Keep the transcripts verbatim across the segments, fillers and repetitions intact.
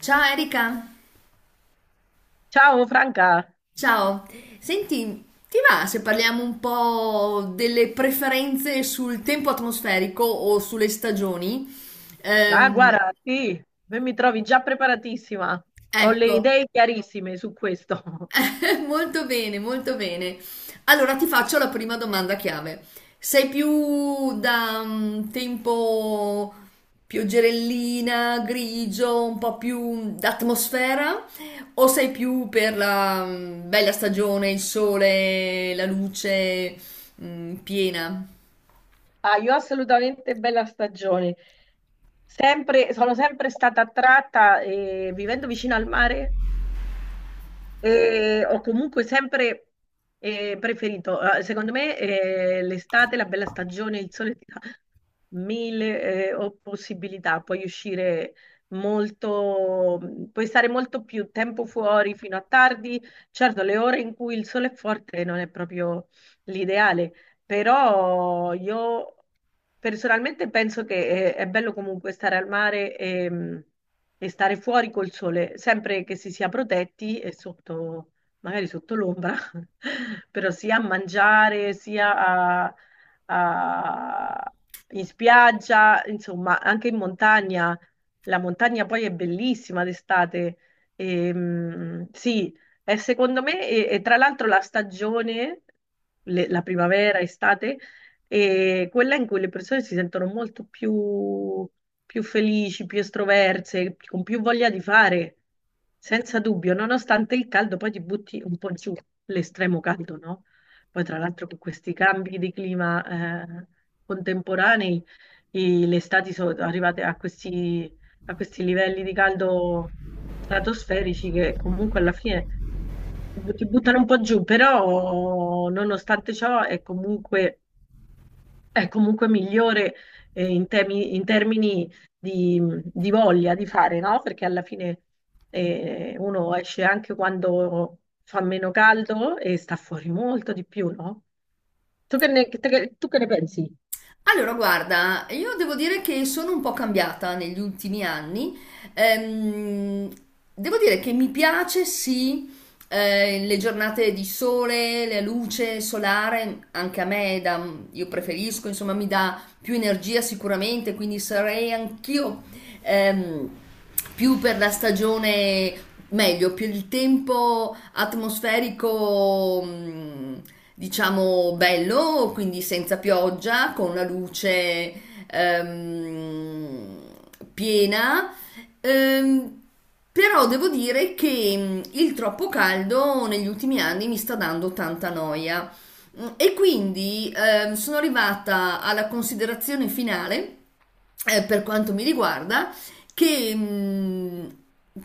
Ciao Erika, Ciao Franca, ciao. Senti, ti va se parliamo un po' delle preferenze sul tempo atmosferico o sulle stagioni? ah Ehm, guarda, sì, me mi trovi già preparatissima, ho le ecco, idee chiarissime su questo. molto bene, molto bene. Allora ti faccio la prima domanda chiave. Sei più da mm, tempo pioggerellina, grigio, un po' più d'atmosfera, o sei più per la mm, bella stagione, il sole, la luce mm, piena? Ah, io assolutamente bella stagione, sempre, sono sempre stata attratta, eh, vivendo vicino al mare. E ho comunque sempre eh, preferito, eh, secondo me, eh, l'estate, la bella stagione, il sole ti dà mille eh, o- possibilità, puoi uscire molto, puoi stare molto più tempo fuori fino a tardi. Certo, le ore in cui il sole è forte non è proprio l'ideale, però io personalmente penso che è, è bello comunque stare al mare e, mm, e stare fuori col sole, sempre che si sia protetti e sotto, magari sotto l'ombra, però sia a mangiare, sia a, a- in spiaggia, insomma, anche in montagna. La montagna poi è bellissima d'estate. Ehm, sì, è secondo me, e, e tra l'altro la stagione, le- la primavera, estate, è quella in cui le persone si sentono molto più, più felici, più estroverse, con più voglia di fare, senza dubbio, nonostante il caldo, poi ti butti un po' giù l'estremo caldo, no? Poi tra l'altro con questi cambi di clima eh, contemporanei, i- le estati sono arrivate a questi, a questi livelli di caldo stratosferici che comunque alla fine ti buttano un po' giù, però nonostante ciò è comunque, è comunque migliore eh, in temi- in termini di, di voglia di fare, no? Perché alla fine eh, uno esce anche quando fa meno caldo e sta fuori molto di più, no? Tu che ne, te- tu che ne pensi? Allora, guarda, io devo dire che sono un po' cambiata negli ultimi anni. Ehm, devo dire che mi piace, sì, eh, le giornate di sole, la luce solare, anche a me, dà- io preferisco, insomma, mi dà più energia sicuramente, quindi sarei anch'io ehm, più per la stagione meglio, più il tempo atmosferico, mm, diciamo, bello, quindi senza pioggia, con la luce ehm, piena. Ehm, però devo dire che mm, il troppo caldo negli ultimi anni mi sta dando tanta noia. Mm, E quindi ehm, sono arrivata alla considerazione finale eh, per quanto mi riguarda, che mh,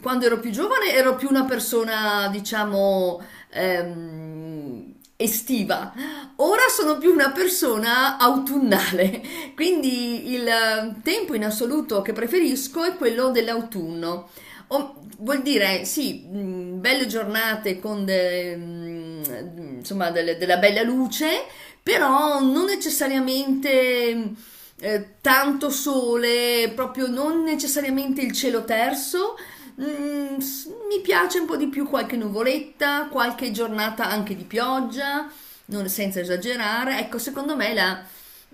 quando ero più giovane ero più una persona, diciamo, ehm, estiva. Ora sono più una persona autunnale, quindi il eh, tempo in assoluto che preferisco è quello dell'autunno. O- vuol dire, sì, mh, belle giornate con de- mh, insomma, delle- della bella luce, però non necessariamente eh, tanto sole, proprio non necessariamente il cielo terso. Mm, s- mi piace un po' di più qualche nuvoletta, qualche giornata anche di pioggia, non- senza esagerare. Ecco, secondo me la,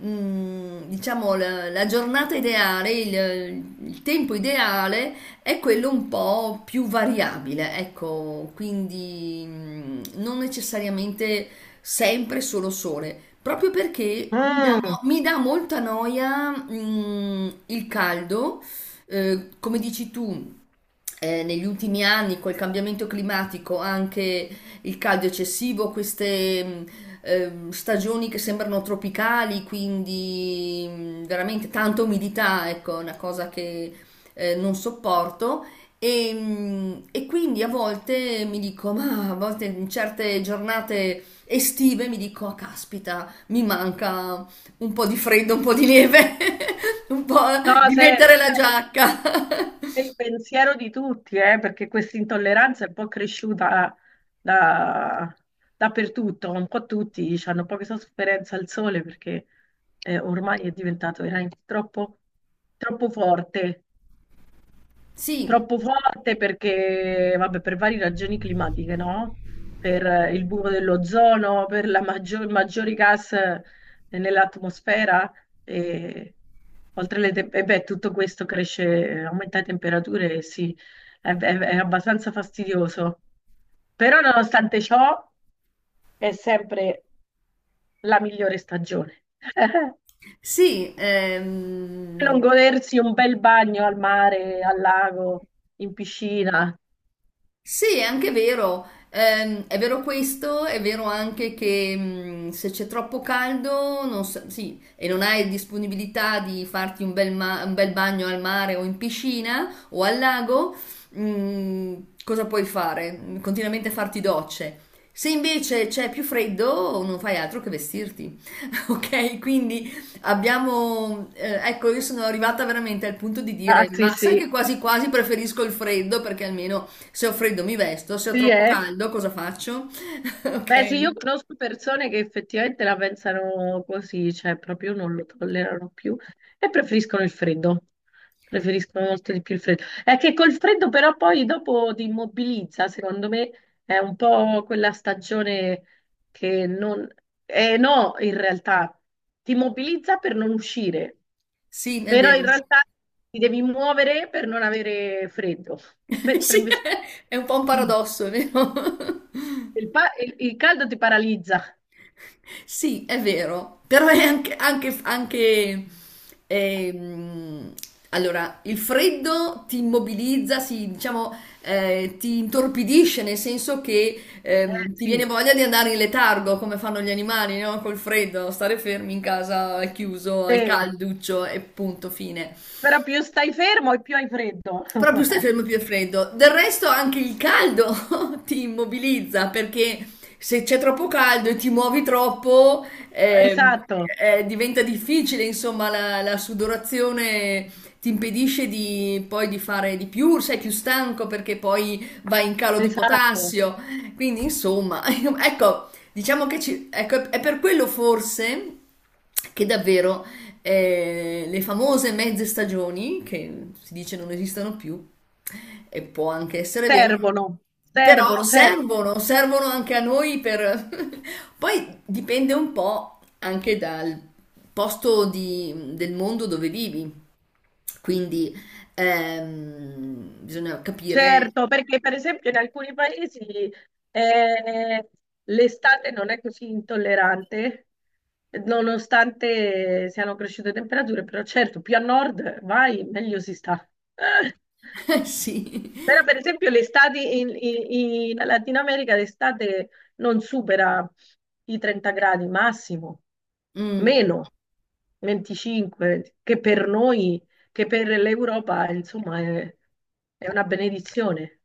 mm, diciamo, la, la giornata ideale, il, il tempo ideale è quello un po' più variabile, ecco, quindi mm, non necessariamente sempre solo sole, proprio perché mi dà, Mm. mo- mi dà molta noia, mm, il caldo, eh, come dici tu eh, negli ultimi anni col cambiamento climatico, anche il caldo eccessivo, queste mh, ehm, stagioni che sembrano tropicali, quindi mh, veramente tanta umidità, ecco, è una cosa che eh, non sopporto. E, mh, e quindi a volte mi dico, ma a volte in certe giornate estive mi dico, "Ah, caspita, mi manca un po' di freddo, un po' di neve, un po' No, di se, eh, mettere la giacca." è il pensiero di tutti, eh, perché questa intolleranza è un po' cresciuta da- dappertutto, un po' tutti hanno poca sofferenza al sole perché eh, ormai è diventato veramente troppo, troppo forte. Sì. Troppo forte perché, vabbè, per varie ragioni climatiche, no? Per eh, il buco dell'ozono, per la maggior- maggiori gas eh, nell'atmosfera e oltre le te- e beh, tutto questo cresce, aumenta le temperature, e sì, è, è- è abbastanza fastidioso. Però nonostante ciò è sempre la migliore stagione. Sì, Non ehm, godersi un bel bagno al mare, al lago, in piscina. sì, è anche vero. Ehm, è vero questo, è vero anche che mh, se c'è troppo caldo, non sa- sì, e non hai disponibilità di farti un bel, ma- un bel bagno al mare o in piscina o al lago, mh, cosa puoi fare? Continuamente farti docce. Se invece c'è più freddo, non fai altro che vestirti. Ok? Quindi abbiamo, eh, ecco, io sono arrivata veramente al punto di Ah, dire, sì, ma sai sì. che quasi quasi preferisco il freddo perché almeno se ho freddo mi vesto, se ho Sì, troppo eh. caldo cosa faccio? Ok? Beh, sì, io conosco persone che effettivamente la pensano così, cioè proprio non lo tollerano più e preferiscono il freddo. Preferiscono molto di più il freddo. È che col freddo però poi dopo ti immobilizza, secondo me è un po' quella stagione che non... Eh no, in realtà ti immobilizza per non uscire, Sì, è però in vero. realtà ti devi muovere per non avere freddo, mentre Sì, invece è un po' un paradosso, vero? il, pa- il il caldo ti paralizza. Sì, è vero. Però è anche, anche- anche, ehm, allora, il freddo ti immobilizza, si- diciamo, eh, ti intorpidisce, nel senso che Eh, ehm, ti viene sì, voglia di andare in letargo, come fanno gli animali, no? Col freddo, stare fermi in casa, al chiuso, al sì. calduccio e punto, fine. Però più stai fermo e più hai freddo. Proprio questo è il giorno più freddo. Del resto anche il caldo ti immobilizza perché se c'è troppo caldo e ti muovi troppo ehm, Esatto, eh, diventa difficile, insomma, la, la sudorazione ti impedisce di, poi di fare di più, sei più stanco perché poi vai in calo di esatto. potassio. Quindi, insomma, ecco, diciamo che ci, ecco, è per quello forse che davvero eh, le famose mezze stagioni, che si dice non esistono più, e può anche essere vero, Servono, però servono, servono. servono, servono anche a noi per... Poi dipende un po' anche dal posto di- del mondo dove vivi, quindi ehm, bisogna capire... Certo, perché per esempio in alcuni paesi eh, l'estate non è così intollerante, nonostante siano cresciute temperature, però certo, più a nord vai, meglio si sta. Però Sì. per esempio l'estate in, in- in Latino America l'estate non supera i trenta gradi massimo, Mm. meno venticinque, che per noi, che per l'Europa, insomma, è, è una benedizione.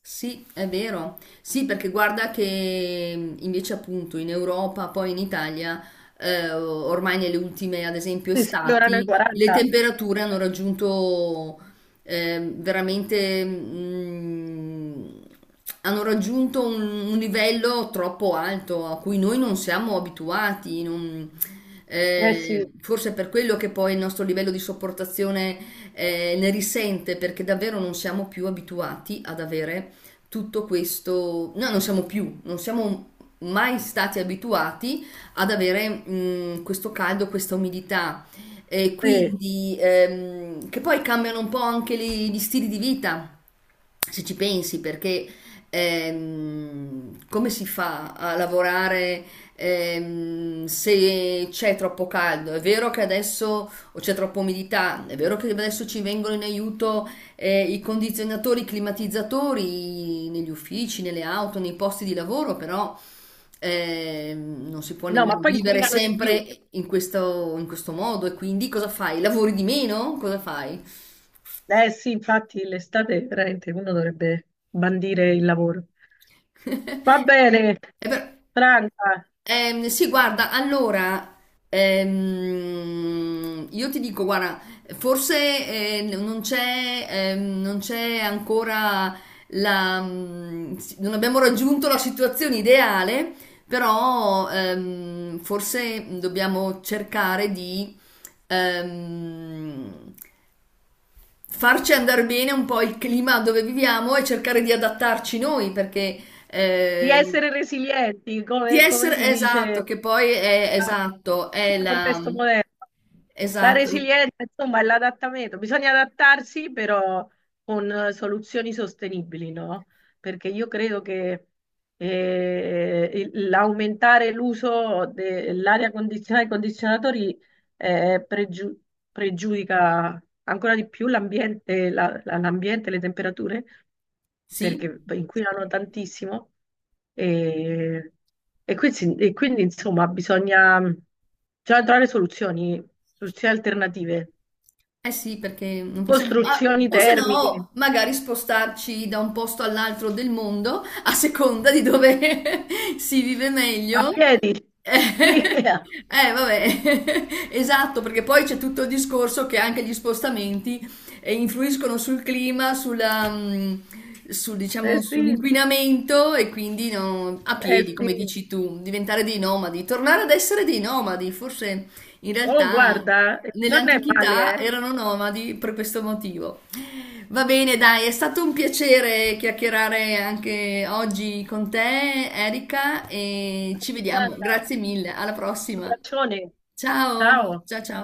Sì, è vero. Sì, perché guarda che mh, invece appunto in Europa, poi in Italia, eh, ormai nelle ultime, ad esempio, Si sfiorano i estati, le quaranta. temperature hanno raggiunto eh, veramente, mh, hanno raggiunto un, un livello troppo alto a cui noi non siamo abituati. non- Eh sì, eh, forse è per quello che poi il nostro livello di sopportazione eh, ne risente, perché davvero non siamo più abituati ad avere tutto questo, noi non siamo più, non siamo mai stati abituati ad avere mh, questo caldo, questa umidità. E sì. quindi ehm, che poi cambiano un po' anche le- gli stili di vita se ci pensi, perché ehm, come si fa a lavorare ehm, se c'è troppo caldo? È vero che adesso o c'è troppa umidità, è vero che adesso ci vengono in aiuto eh, i condizionatori, i climatizzatori negli uffici, nelle auto, nei posti di lavoro, però ehm, non si può No, ma nemmeno poi vivere inquinano di più. sempre in questo, in questo modo e quindi cosa fai? Lavori di meno? Cosa fai? Eh sì, infatti l'estate veramente uno dovrebbe bandire il lavoro. Va bene, E però- Franca, Ehm, sì, guarda, allora, ehm, io ti dico, guarda, forse eh, n- non c'è ehm, non c'è ancora la... mm, si- non abbiamo raggiunto la situazione ideale, però ehm, forse dobbiamo cercare di ehm, farci andare bene un po' il clima dove viviamo e cercare di adattarci noi, perché di eh, essere resilienti, di come, come si essere dice esatto, che poi è a- esatto, in è questo la... contesto moderno. La Esatto, resilienza, insomma, è l'adattamento. Bisogna adattarsi, però con eh, soluzioni sostenibili, no? Perché io credo che eh, il- l'aumentare l'uso dell'aria condizionata e condizionatori eh, pregiu- pregiudica ancora di più l'ambiente, la- la- l'ambiente, le temperature, sì. perché inquinano tantissimo. E, e quindi, e quindi, insomma, bisogna, bisogna trovare soluzioni, soluzioni alternative, Eh sì, perché non possiamo... ah, costruzioni o se termiche no, magari spostarci da un posto all'altro del mondo, a seconda di dove si vive a meglio. piedi. Sì, Eh, eh eh, vabbè, esatto, perché poi c'è tutto il discorso che anche gli spostamenti eh, influiscono sul clima, sulla, mm, sul, diciamo, sì, sull'inquinamento e quindi no, a eh piedi, sì. come dici tu, diventare dei nomadi, tornare ad essere dei nomadi, forse in Oh, realtà, guarda, non è male, nell'antichità eh. erano nomadi per questo motivo. Va bene, dai, è stato un piacere chiacchierare anche oggi con te, Erika, e ci vediamo. Guarda, Grazie un mille, alla prossima. abbraccione. Ciao, Ciao. ciao ciao.